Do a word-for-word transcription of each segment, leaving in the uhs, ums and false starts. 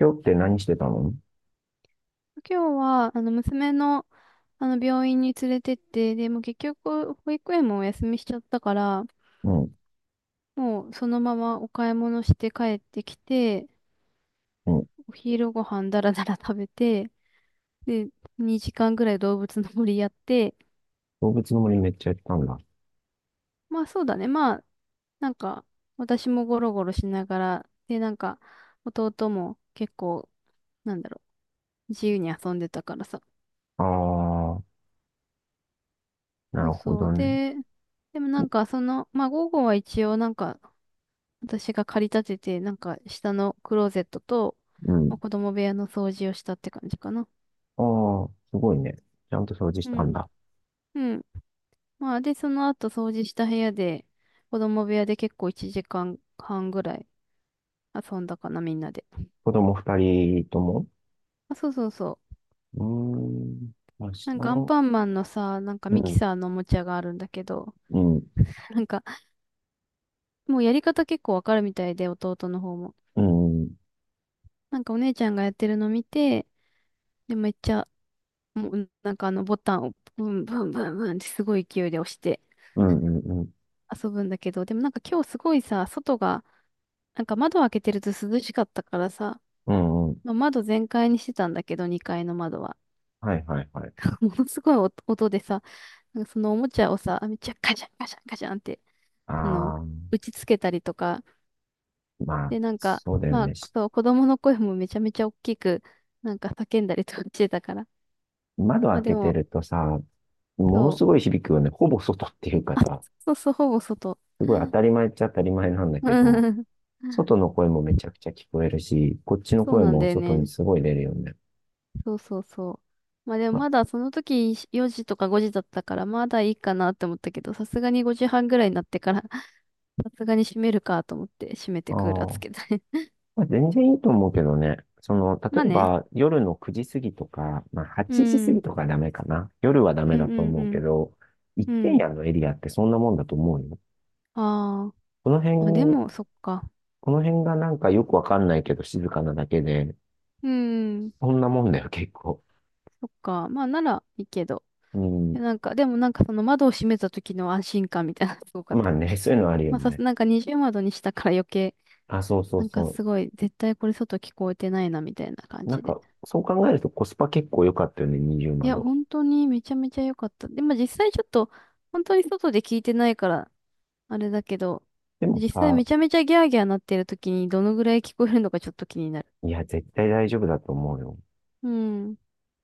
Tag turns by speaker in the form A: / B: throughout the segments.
A: 今日って何してたの？
B: 今日は、あの、娘の、あの、病院に連れてって、でもう結局、保育園もお休みしちゃったから、
A: うん、
B: もうそのままお買い物して帰ってきて、
A: うん。
B: お昼ご飯だらだら食べて、で、にじかんぐらい動物の森やって、
A: 動物の森めっちゃやったんだ。
B: まあそうだね、まあ、なんか、私もゴロゴロしながら、で、なんか、弟も結構、なんだろう、自由に遊んでたからさ。
A: あー、な
B: そ
A: る
B: う
A: ほ
B: そ
A: ど
B: う。
A: ね。
B: で、でもなんかその、まあ午後は一応なんか私が借り立てて、なんか下のクローゼットと、
A: うん。
B: まあ子供部屋の掃除をしたって感じかな。
A: あー、すごいね。ちゃんと掃除し
B: う
A: た
B: ん。
A: んだ。
B: うん。まあ、で、その後掃除した部屋で、子供部屋で結構いちじかんはんぐらい遊んだかな、みんなで。
A: 子供二人とも？
B: あ、そうそうそう。
A: うーん、明日
B: なんかアン
A: の、
B: パンマンのさ、なんか
A: う
B: ミキ
A: ん、
B: サーのおもちゃがあるんだけど、
A: うん、
B: なんかもうやり方結構わかるみたいで、弟の方も。
A: うん、うん、
B: なんかお姉ちゃんがやってるの見て、で、めっちゃ、もうなんかあのボタンをブンブンブンブンってすごい勢いで押して、
A: うん、うん、
B: 遊ぶんだけど、でもなんか今日すごいさ、外が、なんか窓開けてると涼しかったからさ、
A: うん、うん。
B: まあ、窓全開にしてたんだけど、にかいの窓は。
A: はい、はい、はい。
B: ものすごい音音でさ、なんかそのおもちゃをさ、めっちゃカシャンカシャンカシャンって、あの、
A: あー、
B: 打ちつけたりとか、
A: まあ、
B: で、なんか、
A: そうだよ
B: まあ、
A: ね。し
B: そう、子供の声もめちゃめちゃ大きく、なんか叫んだりとかしてたから。
A: 窓
B: ま
A: 開
B: あで
A: けて
B: も、
A: るとさ、もの
B: そ
A: すご
B: う、
A: い響くよね。ほぼ外っていうかさ、
B: そうそう、ほぼ外。
A: すごい当たり前っちゃ当たり前なんだけど、外の声もめちゃくちゃ聞こえるし、こっちの
B: そう
A: 声
B: なん
A: も
B: だよ
A: 外に
B: ね。
A: すごい出るよね。
B: そうそうそう。まあでも
A: あ
B: まだその時よじとかごじだったからまだいいかなって思ったけど、さすがにごじはんぐらいになってから さすがに閉めるかと思って閉めて
A: あ
B: クーラーつ
A: ー、
B: けたね。
A: まあ、全然いいと思うけどね。その、例
B: まあ
A: え
B: ね。
A: ば夜のくじ過ぎとか、まあ
B: う
A: はちじ過ぎ
B: ん。
A: とかダメかな。夜はダメ
B: うん
A: だ
B: う
A: と思うけ
B: ん
A: ど、一
B: うん。
A: 軒
B: うん。
A: 家のエリアってそんなもんだと思うよ。
B: あーあ。
A: この辺、
B: まあでも、そっか。
A: この辺がなんかよくわかんないけど静かなだけで、
B: うん。
A: そんなもんだよ、結構。
B: そっか。まあならいいけど。
A: う
B: い
A: ん。
B: やなんか、でもなんかその窓を閉めた時の安心感みたいなの すごかっ
A: ま
B: た
A: あ
B: ね。
A: ね、そ ういうのあるよ
B: まあさす、
A: ね。
B: なんか二重窓にしたから余計、
A: あ、そうそう
B: なんか
A: そ
B: すごい、絶対これ外聞こえてないなみたいな感
A: う。な
B: じ
A: ん
B: で。
A: か、そう考えるとコスパ結構良かったよね、二重
B: いや、
A: 窓。
B: 本当にめちゃめちゃ良かった。でも実際ちょっと、本当に外で聞いてないから、あれだけど、
A: でも
B: 実際め
A: さ、
B: ちゃめちゃギャーギャーなってる時にどのぐらい聞こえるのかちょっと気になる。
A: いや、絶対大丈夫だと思うよ。
B: うん。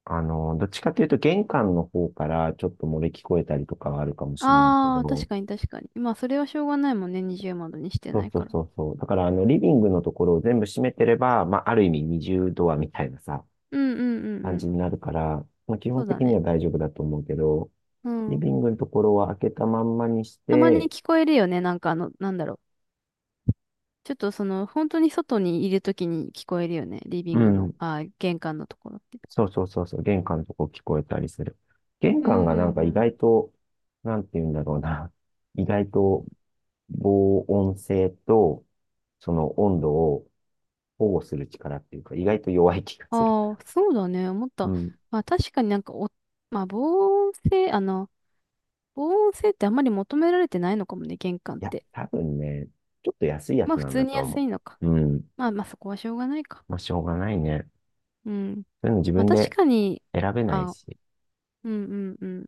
A: あの、どっちかというと玄関の方からちょっと漏れ聞こえたりとかはあるかもしれないけ
B: ああ、確
A: ど、
B: かに確かに。まあ、それはしょうがないもんね。二重窓にして
A: そ
B: な
A: う
B: い
A: そ
B: か
A: う
B: ら。
A: そうそう。だからあの、リビングのところを全部閉めてれば、まあ、ある意味二重ドアみたいなさ、
B: うんうんうんう
A: 感じ
B: ん。
A: になるから、まあ、基
B: そ
A: 本
B: うだ
A: 的に
B: ね。
A: は大丈夫だと思うけど、
B: う
A: リ
B: ん。
A: ビングのところは開けたまんまにし
B: たまに
A: て、
B: 聞こえるよね。なんかあの、なんだろう。ちょっとその、本当に外にいる時に聞こえるよね。リビ
A: う
B: ングの、
A: ん、
B: ああ、玄関のところって。
A: そうそうそうそう、玄関のとこ聞こえたりする。玄
B: うん
A: 関
B: う
A: がな
B: ん
A: んか
B: う
A: 意
B: ん。
A: 外と、なんて言うんだろうな。意外と防音性と、その温度を保護する力っていうか、意外と弱い気がする。
B: ああ、そうだね。思っ
A: う
B: た。
A: ん。い
B: まあ確かになんかお、まあ防音性、あの、防音性ってあんまり求められてないのかもね、玄関っ
A: や、
B: て。
A: 多分ね、ちょっと安いや
B: ま
A: つ
B: あ普
A: なん
B: 通
A: だ
B: に
A: と
B: 安
A: 思
B: いのか。
A: う。うん。
B: まあまあそこはしょうがないか。
A: まあ、しょうがないね。
B: うん。
A: そういうの自
B: まあ
A: 分
B: 確
A: で
B: かに、
A: 選べない
B: あ、
A: し。
B: うんうんうん。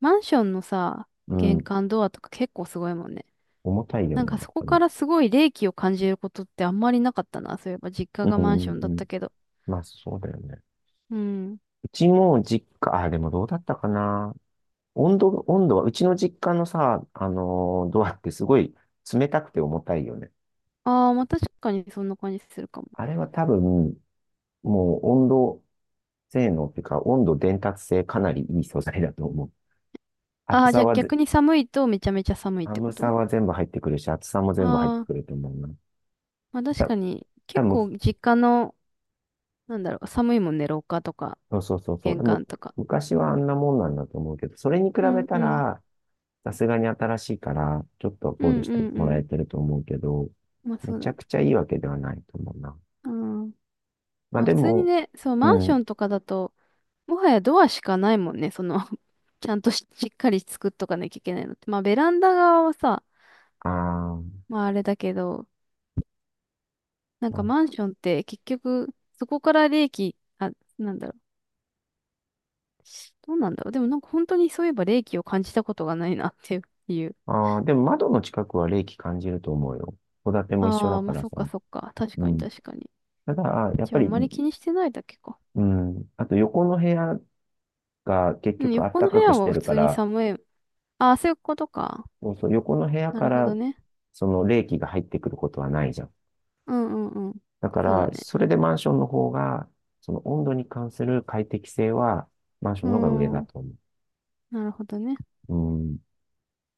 B: マンションのさ、
A: う
B: 玄
A: ん。
B: 関ドアとか結構すごいもんね。
A: 重たいよ
B: なん
A: ね、
B: か
A: なん
B: そこ
A: かね。
B: からすごい冷気を感じることってあんまりなかったな。そういえば実家
A: う
B: がマンシ
A: ん、う
B: ョ
A: ん、
B: ンだっ
A: うん。
B: たけど。
A: まあ、そうだよね。
B: うん。
A: うちも実家、あ、でもどうだったかな。温度、温度は、うちの実家のさ、あのードアってすごい冷たくて重たいよね。
B: ああ、まあ確かにそんな感じするかも。
A: あれは多分、もう温度性能っていうか、温度伝達性かなりいい素材だと思う。
B: あ
A: 厚
B: あ、じ
A: さ
B: ゃあ
A: はぜ、
B: 逆に寒いとめちゃめちゃ寒いって
A: 寒
B: こ
A: さ
B: と
A: は全部入ってくるし、厚さも全部入って
B: ああ、
A: くると思うな。
B: まあ確
A: た、
B: かに、
A: 多
B: 結構
A: 分、
B: 実家の、なんだろう、寒いもんね、廊下とか、
A: そうそうそうそう。
B: 玄
A: でも、
B: 関とか。
A: 昔はあんなもんなんだと思うけど、それに比
B: う
A: べ
B: ん
A: た
B: うん。
A: ら、さすがに新しいから、ちょっと
B: う
A: 考
B: ん
A: 慮し
B: う
A: て
B: んう
A: もらえ
B: ん。
A: てると思うけど、
B: まあ
A: め
B: そう
A: ち
B: だ
A: ゃ
B: ね。
A: くちゃいいわけではないと思うな。
B: うん。
A: まあ
B: まあ
A: で
B: 普通に
A: も、
B: ね、そう、
A: う
B: マンション
A: ん、
B: とかだと、もはやドアしかないもんね、その ちゃんとし、しっかり作っとかなきゃいけないのって。まあベランダ側はさ、
A: あー、
B: まああれだけど、なん
A: ま
B: か
A: あ、
B: マンションって結局、そこから冷気、あ、なんだろう。どうなんだろう。でもなんか本当にそういえば冷気を感じたことがないなっていう。
A: ああでも窓の近くは冷気感じると思うよ。戸建ても一緒
B: あ
A: だ
B: あ、
A: か
B: まあ
A: ら
B: そ
A: さ。
B: っかそっか。確
A: う
B: かに
A: ん。
B: 確かに。
A: ただ、やっ
B: じ
A: ぱ
B: ゃああ
A: り、
B: んまり気にしてないだけか。
A: うん。あと横の部屋が結
B: うん、
A: 局暖
B: 横の部
A: かく
B: 屋
A: し
B: は
A: て
B: 普
A: るか
B: 通に
A: ら、
B: 寒い。ああ、そういうことか。
A: そうそう、横の部屋
B: な
A: か
B: るほ
A: ら
B: どね。
A: その冷気が入ってくることはないじゃん。
B: うんうんうん。
A: だか
B: そうだ
A: ら、
B: ね。
A: それでマンションの方が、その温度に関する快適性はマンショ
B: う
A: ン
B: ー
A: の方が上だ
B: ん。
A: と思
B: なるほどね。
A: う。うん。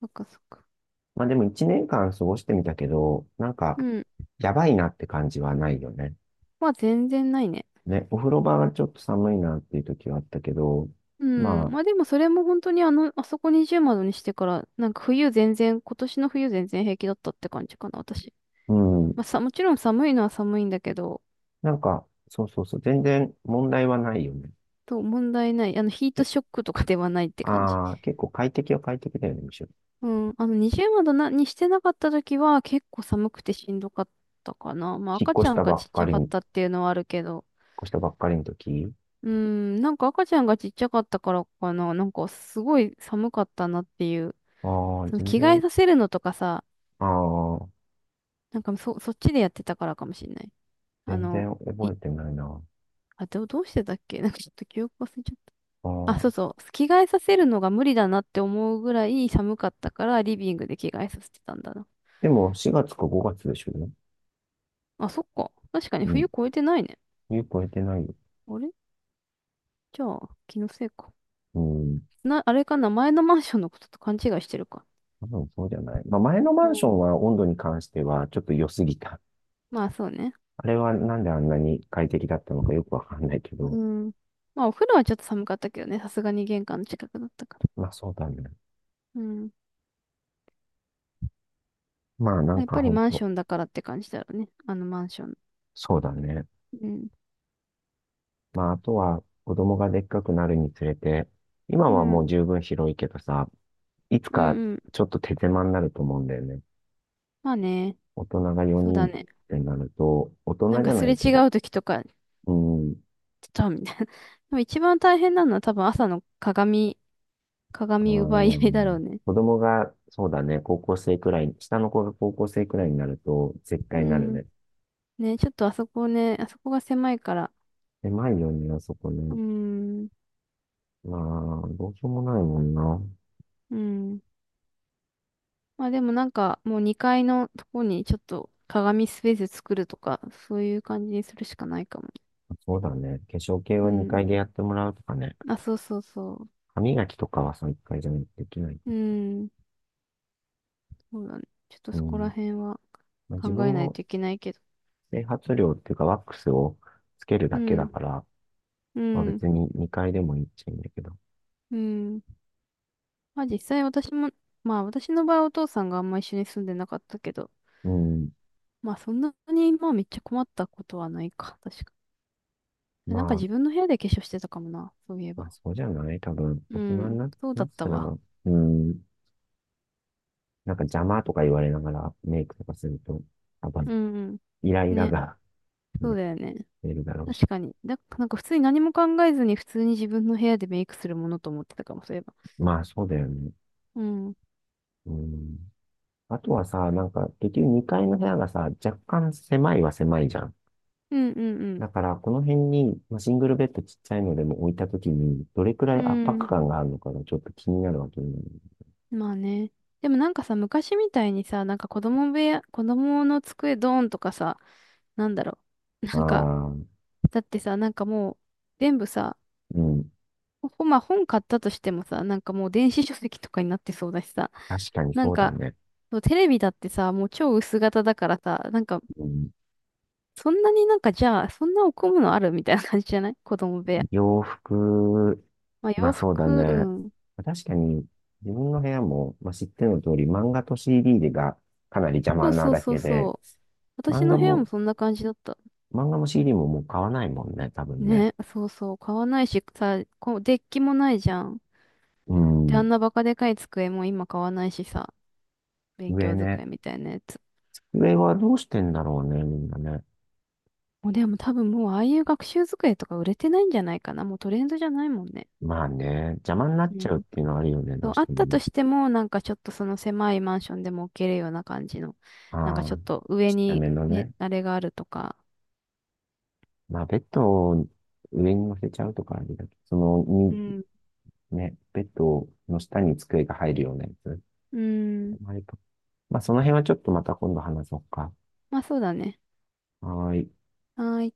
B: そっかそっか。
A: まあでも一年間過ごしてみたけど、なんか、
B: うん。
A: やばいなって感じはないよね。
B: まあ全然ないね。
A: ね、お風呂場がちょっと寒いなっていう時はあったけど、
B: うん。
A: ま
B: まあでもそれも本当にあの、あそこ二重窓にしてから、なんか冬全然、今年の冬全然平気だったって感じかな、私。
A: あ、う
B: まあ
A: ん、
B: さ、もちろん寒いのは寒いんだけど、
A: なんか、そうそうそう、全然問題はないよね。
B: と問題ない。あの、ヒート
A: で
B: ショックとかではないって感じ。
A: ああ、結構快適は快適だよね、むしろ。
B: うん、あの、二重窓な、にしてなかった時は結構寒くてしんどかったかな。まあ
A: 引っ
B: 赤ち
A: 越し
B: ゃ
A: た
B: んが
A: ば
B: ち
A: っ
B: っち
A: か
B: ゃ
A: り
B: か
A: に、
B: っ
A: 引っ
B: たっていうのはあるけど。
A: 越したばっかりの時。
B: うん、なんか赤ちゃんがちっちゃかったからかな。なんかすごい寒かったなっていう。
A: ああ、
B: その
A: 全
B: 着替え
A: 然、
B: させるのとかさ、
A: ああ、
B: なんかそ、そっちでやってたからかもしんない。あ
A: 全然
B: の、い、
A: 覚えてないな。
B: あ、どう、どうしてたっけなんかちょっと記憶忘れちゃっ
A: あ
B: た。あ、
A: あ、
B: そうそう。着替えさせるのが無理だなって思うぐらい寒かったからリビングで着替えさせてたんだな。
A: でもしがつかごがつでしょうね。
B: あ、そっか。確かに
A: う
B: 冬
A: ん。
B: 越えてないね。
A: 冬超えてないよ。
B: あれじゃあ、気のせいか。
A: うん。
B: な、あれかな、前のマンションのことと勘違いしてるか。
A: 多分そうじゃない。まあ前の
B: う
A: マンション
B: ん。
A: は温度に関してはちょっと良すぎた。
B: まあ、そうね。
A: あれはなんであんなに快適だったのかよくわかんないけ
B: う
A: ど、
B: ん。まあ、お風呂はちょっと寒かったけどね、さすがに玄関の近くだったから。
A: まあそうだね。
B: うん。
A: まあな
B: ま
A: ん
B: あやっ
A: か
B: ぱり
A: ほん
B: マン
A: と、
B: ションだからって感じだろうね。あのマンション。
A: そうだね。
B: うん。
A: まああとは子供がでっかくなるにつれて、今
B: う
A: はも
B: ん。
A: う十分広いけどさ、いつ
B: うん
A: か
B: うん。
A: ちょっと手狭になると思うんだよね。
B: まあね。
A: 大人が
B: そう
A: よにん
B: だ
A: っ
B: ね。
A: てなると、大
B: な
A: 人
B: ん
A: じ
B: か
A: ゃ
B: す
A: な
B: れ
A: いけ
B: 違
A: ど、
B: う時とか、ちょ
A: うん、
B: っとみたいな。でも一番大変なのは多分朝の鏡、
A: あ
B: 鏡奪い合いだろ
A: ー、
B: うね。
A: 子供が、そうだね、高校生くらい、下の子が高校生くらいになると、絶
B: う
A: 対なる
B: ん。
A: ね。
B: ね、ちょっとあそこね、あそこが狭いから。
A: 狭いよね、あそこね。
B: うん。
A: まあ、どうしようもないもんな。
B: うん。まあでもなんかもうにかいのとこにちょっと鏡スペース作るとか、そういう感じにするしかないかも。
A: そうだね。化粧系
B: う
A: は2
B: ん。
A: 回でやってもらうとかね。
B: あ、そうそうそ
A: 歯磨きとかはさんかいじゃないとできない。
B: う。うん。そうだね。ちょっと
A: う
B: そこら
A: ん。
B: 辺は
A: まあ、
B: 考
A: 自分
B: えない
A: も
B: といけないけど。
A: 整髪料っていうかワックスをつける
B: う
A: だけだ
B: ん。
A: から、
B: う
A: まあ、
B: ん。
A: 別ににかいでもいいっちゃいいんだけど。
B: うん。まあ実際私も、まあ私の場合お父さんがあんま一緒に住んでなかったけど、
A: うん。
B: まあそんなにまあめっちゃ困ったことはないか。確か。
A: ま
B: なんか
A: あ、
B: 自分の部屋で化粧してたかもな。そういえ
A: まあ、
B: ば。
A: そうじゃない多分、大
B: う
A: 人に
B: ん。
A: な、
B: そう
A: な
B: だ
A: っ
B: った
A: たら、
B: わ。
A: うん。なんか邪魔とか言われながらメイクとかすると、多分、
B: うんう
A: イライ
B: ん。
A: ラ
B: ね。
A: が、
B: そう
A: ね、
B: だよね。
A: 出るだろうし。
B: 確かに。だ、なんか普通に何も考えずに普通に自分の部屋でメイクするものと思ってたかも、そういえば。
A: まあ、そうだよね。
B: うん。うん
A: うん。あとはさ、なんか、結局にかいの部屋がさ、若干狭いは狭いじゃん。
B: うんうん。
A: だから、この辺に、まあ、シングルベッドちっちゃいのでも置いたときに、どれくらい
B: う
A: 圧迫
B: ん。
A: 感があるのかがちょっと気になるわけね。
B: まあね。でもなんかさ、昔みたいにさ、なんか子供部屋、子供の机ドーンとかさ、なんだろう。なんか、
A: ああ、
B: だってさ、なんかもう、全部さ、
A: うん。
B: ほ、まあ本買ったとしてもさ、なんかもう電子書籍とかになってそうだしさ、
A: 確かに
B: なん
A: そうだ
B: か、
A: ね。
B: そうテレビだってさ、もう超薄型だからさ、なんか
A: うん、
B: そんなになんかじゃあ、そんなおむのあるみたいな感じじゃない 子供部屋。
A: 洋服、
B: まあ
A: ま
B: 洋
A: あそうだ
B: 服、う
A: ね。
B: ん。
A: 確かに、自分の部屋も、まあ、知っての通り、漫画と シーディー がかなり邪魔
B: そう
A: な
B: そう
A: だ
B: そう
A: け
B: そ
A: で、
B: う。私
A: 漫
B: の
A: 画
B: 部屋も
A: も、
B: そんな感じだった。
A: 漫画も シーディー ももう買わないもんね、多分ね。
B: ね、そうそう。買わないし、さ、こう、デッキもないじゃん。
A: う
B: で、あ
A: ん。
B: んなバカでかい机も今買わないしさ、勉
A: 上
B: 強
A: ね。
B: 机みたいなやつ。
A: 上はどうしてんだろうね、みんなね。
B: もうでも多分もうああいう学習机とか売れてないんじゃないかな。もうトレンドじゃないもんね。
A: まあね、邪魔になっ
B: う
A: ち
B: ん。
A: ゃうっていうのはあるよね、ど
B: そ
A: う
B: う、
A: し
B: あっ
A: ても
B: た
A: ね。
B: としても、なんかちょっとその狭いマンションでも置けるような感じの、
A: あ
B: なんかち
A: あ、
B: ょっと上
A: ちっちゃ
B: に
A: めの
B: ね、
A: ね。
B: あれがあるとか、
A: まあ、ベッドを上に乗せちゃうとかあれだけど、その、
B: う
A: に、
B: ん。
A: ね、ベッドの下に机が入るようなやつ。
B: うん。
A: まあ、やっぱまあその辺はちょっとまた今度話そうか。
B: まあそうだね。
A: はーい。
B: はーい。